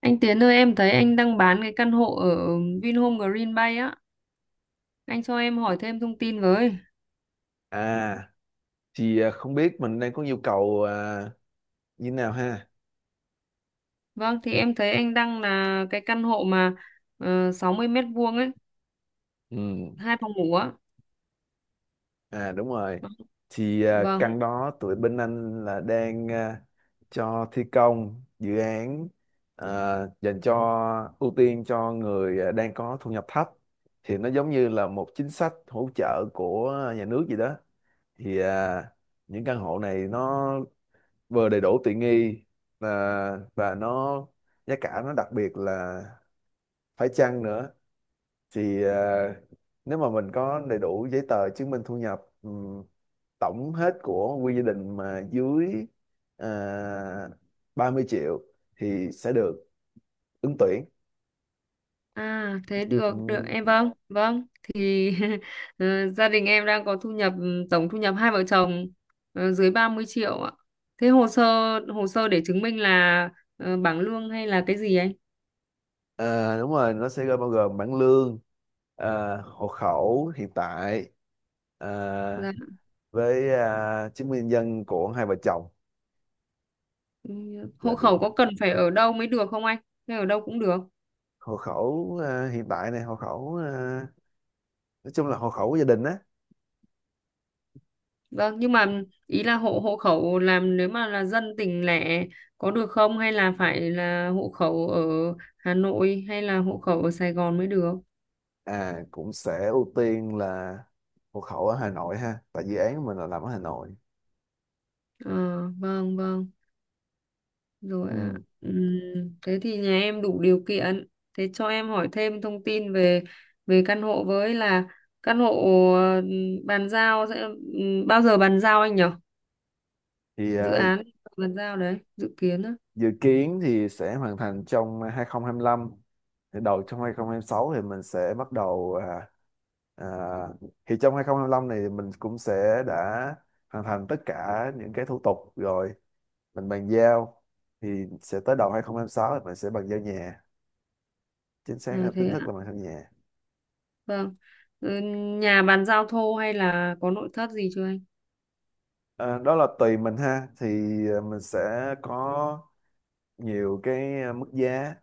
Anh Tiến ơi, em thấy anh đang bán cái căn hộ ở Vinhome Green Bay á. Anh cho em hỏi thêm thông tin với. À, thì không biết mình đang có nhu cầu như thế nào ha. Vâng, thì em thấy anh đang là cái căn hộ mà 60 mét vuông ấy, Ừ, hai phòng ngủ á. à đúng rồi. Thì Vâng. căn đó tụi bên anh là đang cho thi công dự án à, dành cho ưu tiên cho người đang có thu nhập thấp. Thì nó giống như là một chính sách hỗ trợ của nhà nước gì đó. Thì những căn hộ này nó vừa đầy đủ tiện nghi, à, và nó giá cả nó đặc biệt là phải chăng nữa. Thì nếu mà mình có đầy đủ giấy tờ chứng minh thu nhập, tổng hết của quy gia đình mà dưới à, 30 triệu thì sẽ được ứng tuyển. À, thế được, được, Ừm, em vâng, vâng. Thì gia đình em đang có thu nhập tổng thu nhập hai vợ chồng, dưới 30 triệu ạ. Thế hồ sơ để chứng minh là, bảng lương hay là cái gì anh? à, đúng rồi, nó sẽ bao gồm bảng lương, hộ khẩu hiện tại, à, Dạ. với chứng minh nhân dân của hai vợ chồng Ừ, là hộ khẩu được. có cần phải ở đâu mới được không anh? Hay ở đâu cũng được. Hộ khẩu hiện tại này, hộ khẩu nói chung là hộ khẩu của gia đình á. Vâng, nhưng mà ý là hộ hộ khẩu làm nếu mà là dân tỉnh lẻ có được không hay là phải là hộ khẩu ở Hà Nội hay là hộ khẩu ở Sài Gòn mới được? À cũng sẽ ưu tiên là hộ khẩu ở Hà Nội ha, tại dự án của mình là làm ở Hà Nội. Ờ, vâng, vâng, rồi ạ. Ừ. Ừm, thế thì nhà em đủ điều kiện. Thế cho em hỏi thêm thông tin về về căn hộ với là căn hộ ờ, bàn giao sẽ, bao giờ bàn giao anh nhỉ? Thì Dự án bàn giao đấy, dự kiến á. dự kiến thì sẽ hoàn thành trong 2025, thì đầu trong 2026 thì mình sẽ bắt đầu. À, thì trong 2025 này thì mình cũng sẽ đã hoàn thành tất cả những cái thủ tục rồi mình bàn giao. Thì sẽ tới đầu 2026 thì mình sẽ bàn giao nhà, chính xác À, là thế chính thức ạ. là bàn giao nhà. Vâng. Ừ, nhà bàn giao thô hay là có nội thất gì chưa anh? À, đó là tùy mình ha. Thì mình sẽ có nhiều cái mức giá.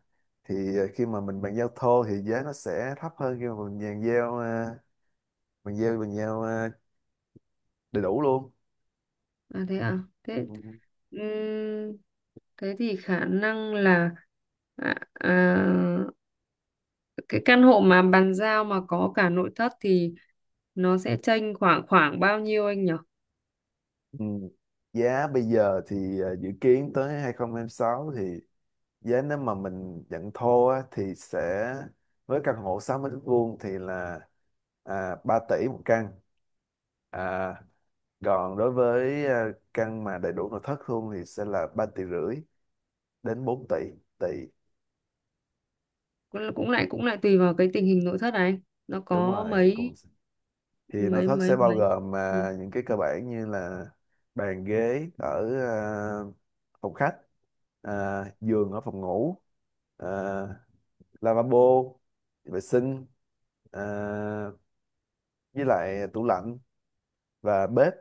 Thì khi mà mình bàn giao thô thì giá nó sẽ thấp hơn khi mà mình bàn giao à, đầy đủ luôn. À thế à? Thế, Ừ. ừm, thế thì khả năng là à, à, cái căn hộ mà bàn giao mà có cả nội thất thì nó sẽ chênh khoảng khoảng bao nhiêu anh nhỉ? Ừ. Giá bây giờ thì dự kiến tới 2026 thì giá nếu mà mình nhận thô á, thì sẽ với căn hộ 60 mét vuông thì là 3 tỷ một căn. à, Còn đối với căn mà đầy đủ nội thất luôn thì sẽ là 3 tỷ rưỡi đến 4 tỷ tỷ Cũng lại tùy vào cái tình hình nội thất này anh. Nó Đúng có rồi cùng. mấy Thì nội mấy thất mấy sẽ bao mấy gồm ừ. mà những cái cơ bản như là bàn ghế ở phòng khách, à, giường ở phòng ngủ, à, lavabo vệ sinh, à, với lại tủ lạnh và bếp.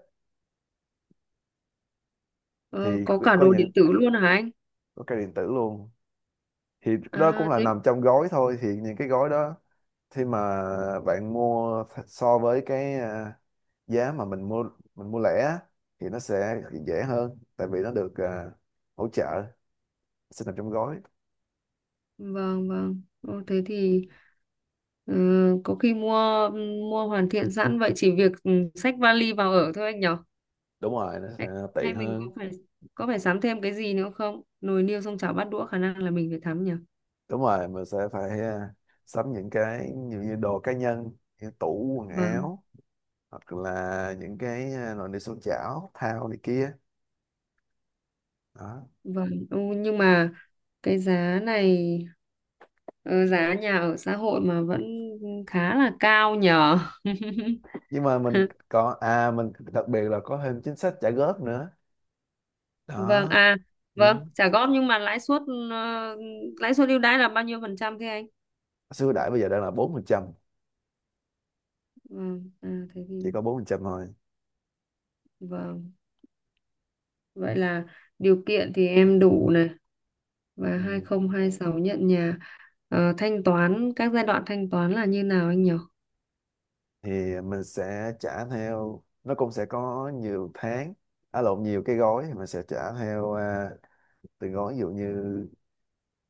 Ờ, Thì có có cả có đồ điện những tử luôn hả anh? có cái điện tử luôn. Thì đó cũng À là thế, nằm trong gói thôi, thì những cái gói đó khi mà bạn so với cái giá mà mình mua lẻ á, thì nó sẽ dễ hơn tại vì nó được hỗ trợ, sẽ nằm trong gói. vâng vâng. Ô, thế thì, ừ, có khi mua mua hoàn thiện sẵn vậy chỉ việc xách vali vào ở thôi anh nhở? Đúng rồi, nó sẽ Hay, tiện hay mình hơn. Có phải sắm thêm cái gì nữa không, nồi niêu xong chảo bát đũa khả năng là mình phải sắm nhở? Đúng rồi, mình sẽ phải sắm những cái nhiều như đồ cá nhân, như tủ quần Vâng áo, hoặc là những cái nồi niêu xoong chảo thao này kia đó. vâng. Ừ, nhưng mà cái giá này, ờ, giá nhà ở xã hội mà vẫn khá là cao nhở. Nhưng mà mình đặc biệt là có thêm chính sách trả góp nữa Vâng đó. à vâng, Đúng. trả góp nhưng mà lãi suất, ờ, lãi suất ưu đãi là bao nhiêu phần trăm thế anh? Số ưu đãi bây giờ đang là 4%, Ừ, à, thế thì chỉ có 4% thôi. vâng, vậy là điều kiện thì em đủ này, và hai Ừ. không hai sáu nhận nhà. Ờ, thanh toán các giai đoạn thanh toán là như nào anh nhỉ? Thì mình sẽ trả theo, nó cũng sẽ có nhiều tháng, à lộn, nhiều cái gói, thì mình sẽ trả theo từng gói, ví dụ như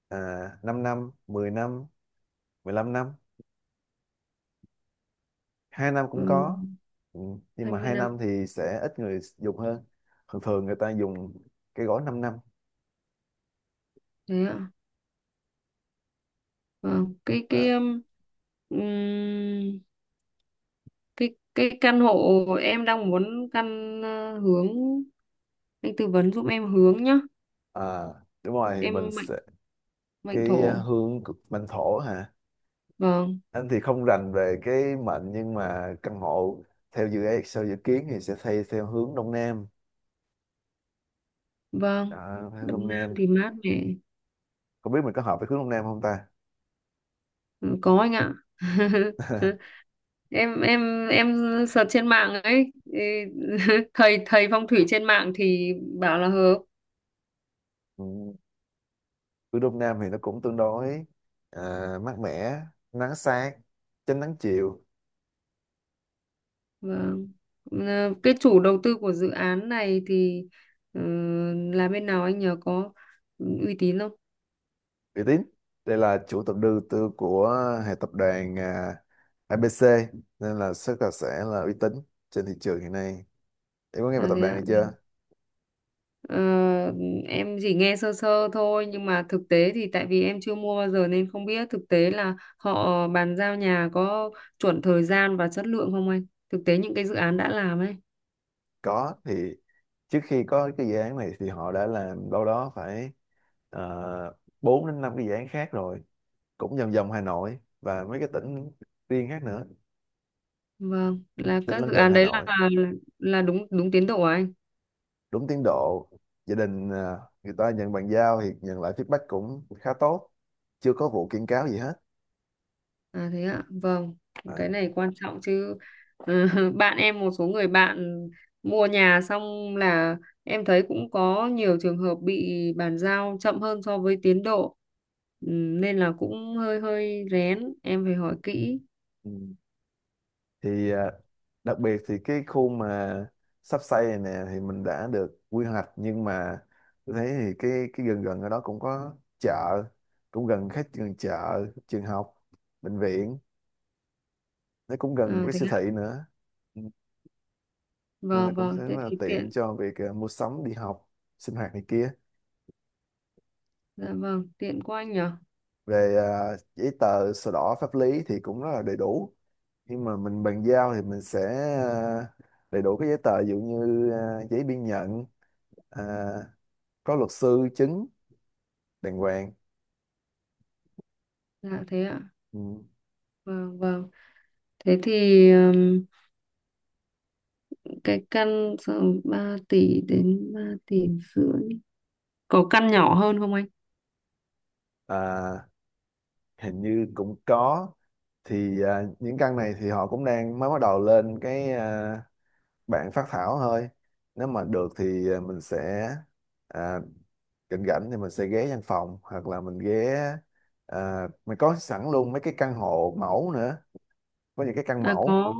5 năm, 10 năm, 15 năm, 2 năm cũng Ừ, có. Ừ. Nhưng hai mà mươi hai năm năm thì sẽ ít người dùng hơn, thường thường người ta dùng cái gói 5 năm. Thế ạ. Vâng, Vâng. Ừm, cái căn hộ em đang muốn căn, hướng, anh tư vấn giúp em hướng nhá. À, đúng rồi thì mình Em mệnh sẽ mệnh cái thổ. Mệnh thổ hả? Vâng, Anh thì không rành về cái mệnh, nhưng mà căn hộ theo dự án sau dự kiến thì sẽ xây theo hướng đông nam. vâng. Đó, hướng đông Đông Nam nam. thì mát mẻ. Không biết mình có hợp với hướng đông nam không ta. Ừ, có anh ạ. Em em search trên mạng ấy ý, thầy thầy phong thủy trên mạng thì bảo là hợp. Ừ. Ở Đông Nam thì nó cũng tương đối à, mát mẻ, nắng sáng, tránh nắng chiều. Vâng. Ờ, cái chủ đầu tư của dự án này thì, ờ, là bên nào anh nhờ, có uy tín không? Uy tín. Đây là chủ tập đầu tư của hệ tập đoàn ABC, nên là rất là sẽ là uy tín trên thị trường hiện nay. Em có nghe về À, tập thế đoàn ạ. này chưa? Ờ, em chỉ nghe sơ sơ thôi nhưng mà thực tế thì tại vì em chưa mua bao giờ nên không biết thực tế là họ bàn giao nhà có chuẩn thời gian và chất lượng không anh, thực tế những cái dự án đã làm ấy. Có. Thì trước khi có cái dự án này thì họ đã làm đâu đó phải uh, 4 đến 5 cái dự án khác rồi, cũng vòng vòng Hà Nội và mấy cái tỉnh riêng khác nữa, Vâng, là tỉnh các lân dự cận án Hà đấy là Nội. là đúng đúng tiến độ à anh? Đúng tiến độ. Gia đình người ta nhận bàn giao thì nhận lại feedback cũng khá tốt, chưa có vụ kiện cáo gì hết. À thế ạ. Vâng, à, cái này quan trọng chứ. Ờ, bạn em, một số người bạn mua nhà xong là em thấy cũng có nhiều trường hợp bị bàn giao chậm hơn so với tiến độ. Nên là cũng hơi hơi rén, em phải hỏi kỹ. ừ. Thì đặc biệt thì cái khu mà sắp xây này nè thì mình đã được quy hoạch, nhưng mà tôi thấy thì cái gần gần ở đó cũng có chợ, cũng gần khách, gần chợ, trường học, bệnh viện, nó cũng gần À cái thế siêu thị ạ. nữa. Ừ. Nên là Vâng cũng rất vâng, thế là thì tiện tiện. cho việc mua sắm, đi học, sinh hoạt này kia. Dạ vâng, tiện quá anh nhở. Về giấy tờ sổ đỏ pháp lý thì cũng rất là đầy đủ. Khi mà mình bàn giao thì mình sẽ à, đầy đủ các giấy tờ, ví dụ như giấy biên nhận, à, có luật sư chứng đàng hoàng. Dạ thế ạ. Ừ. Vâng vâng. Thế thì, cái căn tầm 3 tỷ đến 3 tỷ rưỡi, có căn nhỏ hơn không anh? À, hình như cũng có. Thì những căn này thì họ cũng đang mới bắt đầu lên cái bạn phát thảo thôi. Nếu mà được thì mình sẽ à, rảnh rảnh thì mình sẽ ghé văn phòng, hoặc là mình ghé mình có sẵn luôn mấy cái căn hộ mẫu nữa, có những cái căn À mẫu. có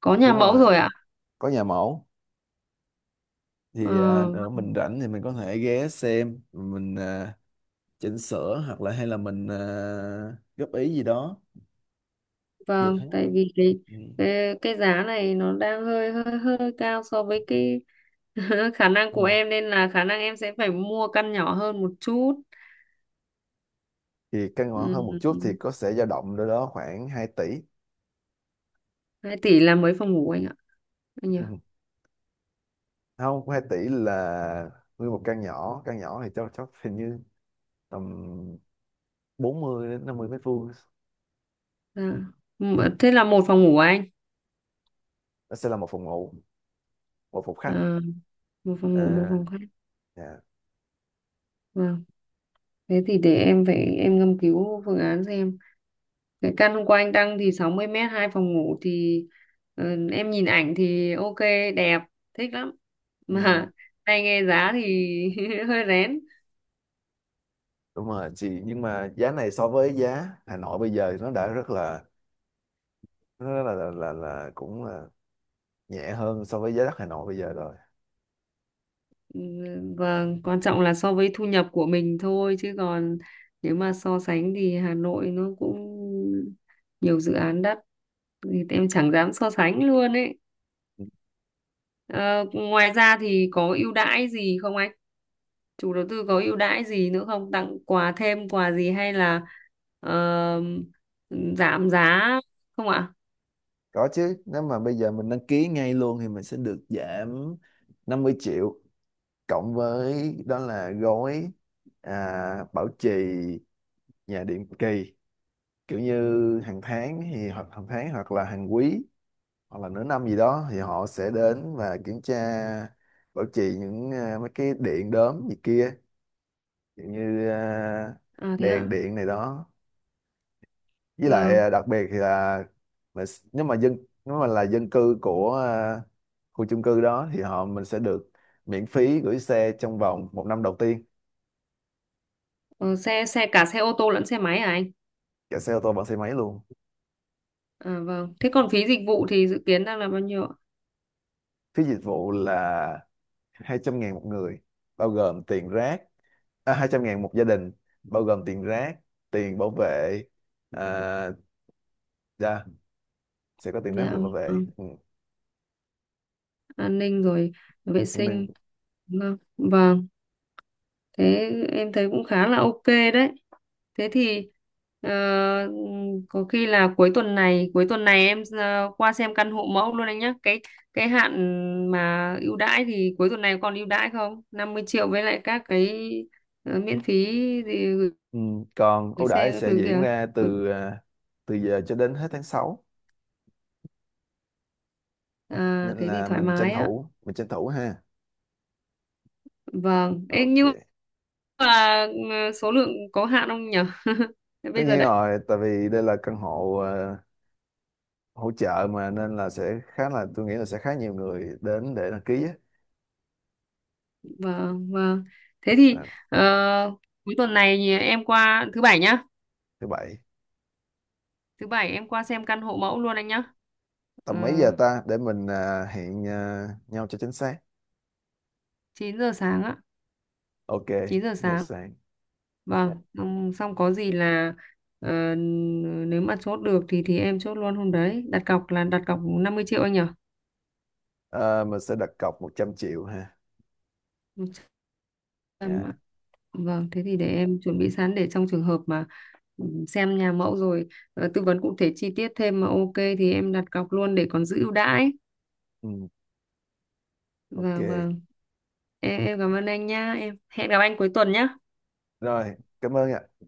có nhà Đúng mẫu rồi, rồi ạ. có nhà mẫu. ờ, Thì nữa mình rảnh thì mình có thể ghé xem, mình chỉnh sửa hoặc là hay là mình góp ý gì đó được vâng, hết. tại vì cái, Ừ. cái cái giá này nó đang hơi hơi hơi cao so với cái, khả năng của Ừ. em nên là khả năng em sẽ phải mua căn nhỏ hơn một chút. Thì căn hộ hơn một chút thì Ừ, có sẽ dao động đâu đó khoảng 2 tỷ. 2 tỷ là mấy phòng ngủ anh ạ, anh nhỉ? Ừ. Không, 2 tỷ là nguyên một căn nhỏ thì chắc chắc hình như tầm 40 đến 50 mét vuông. Dạ. M- thế là một phòng ngủ à anh? Nó sẽ là một phòng ngủ, một phòng khách, Ờ, một phòng ngủ một à, phòng khách. dạ. Vâng, thế thì để em phải em ngâm cứu phương án xem. Cái căn hôm qua anh đăng thì 60 mét hai phòng ngủ thì, ờ, em nhìn ảnh thì ok, đẹp, thích lắm, Ừ, mà hay nghe giá thì hơi rén. đúng rồi chị, nhưng mà giá này so với giá Hà Nội bây giờ thì nó rất là cũng là nhẹ hơn so với giá đất Hà Nội bây giờ rồi. Ừ, vâng, quan trọng là so với thu nhập của mình thôi chứ còn nếu mà so sánh thì Hà Nội nó cũng nhiều dự án đắt thì em chẳng dám so sánh luôn ấy. Ờ, ngoài ra thì có ưu đãi gì không anh, chủ đầu tư có ưu đãi gì nữa không, tặng quà thêm quà gì hay là, ờ, giảm giá không ạ? Có chứ, nếu mà bây giờ mình đăng ký ngay luôn thì mình sẽ được giảm 50 triệu, cộng với đó là gói bảo trì nhà định kỳ, kiểu như hàng tháng, thì hoặc hàng tháng hoặc là hàng quý hoặc là nửa năm gì đó thì họ sẽ đến và kiểm tra bảo trì những mấy cái điện đóm gì kia, kiểu như À thế đèn ạ, điện này đó. Với lại vâng. Đặc biệt thì nếu mà nếu mà là dân cư của khu chung cư đó thì mình sẽ được miễn phí gửi xe trong vòng một năm đầu tiên. Ờ, xe xe cả xe ô tô lẫn xe máy à anh? Cả xe ô tô lẫn xe máy luôn. À vâng, thế còn phí dịch vụ thì dự kiến đang là bao nhiêu ạ? Phí dịch vụ là 200 ngàn một người, bao gồm tiền rác. À, 200 ngàn một gia đình, bao gồm tiền rác, tiền bảo vệ. à, dạ, sẽ có tiền rác và Dạ, tiền bảo vệ. vâng. Ừ. An ninh rồi, vệ An sinh. ninh. Vâng vâng, thế em thấy cũng khá là ok đấy. Thế thì, ờ, có khi là cuối tuần này em, qua xem căn hộ mẫu luôn anh nhé. Cái hạn mà ưu đãi thì cuối tuần này còn ưu đãi không? Năm mươi triệu với lại các cái, miễn phí gì gửi, Ừ. Còn gửi ưu xe đãi các sẽ thứ diễn kìa. ra từ giờ cho đến hết tháng sáu, À, nên thế thì là thoải mái á. Mình tranh thủ ha. Vâng. Ê, Ok. nhưng mà, số lượng có hạn không nhỉ? Thế Tất bây giờ nhiên đấy, rồi, tại vì đây là căn hộ hỗ trợ mà, nên là sẽ khá là, tôi nghĩ là sẽ khá nhiều người đến để đăng ký á. vâng vâng. Thế thì, À, ờ, cuối tuần này thì em qua thứ bảy nhá. thứ bảy Thứ bảy em qua xem căn hộ mẫu luôn anh nhá. tầm mấy Ờ, giờ ta, để mình hẹn nhau cho chính xác. 9 giờ sáng á, Ok. 9 giờ Giờ sáng. sáng. Vâng, xong, có gì là, ờ, nếu mà chốt được thì em chốt luôn hôm đấy. Đặt cọc là đặt cọc 50 triệu anh nhỉ? À, mình sẽ đặt cọc 100 triệu ha. 100 triệu Dạ. ạ. Vâng, thế thì để em chuẩn bị sẵn để trong trường hợp mà, xem nhà mẫu rồi, tư vấn cụ thể chi tiết thêm mà ok thì em đặt cọc luôn để còn giữ ưu đãi. Ừ, ok. Vâng vâng. Em cảm ơn anh nhá. Em hẹn gặp anh cuối tuần nhá. Rồi, cảm ơn ạ.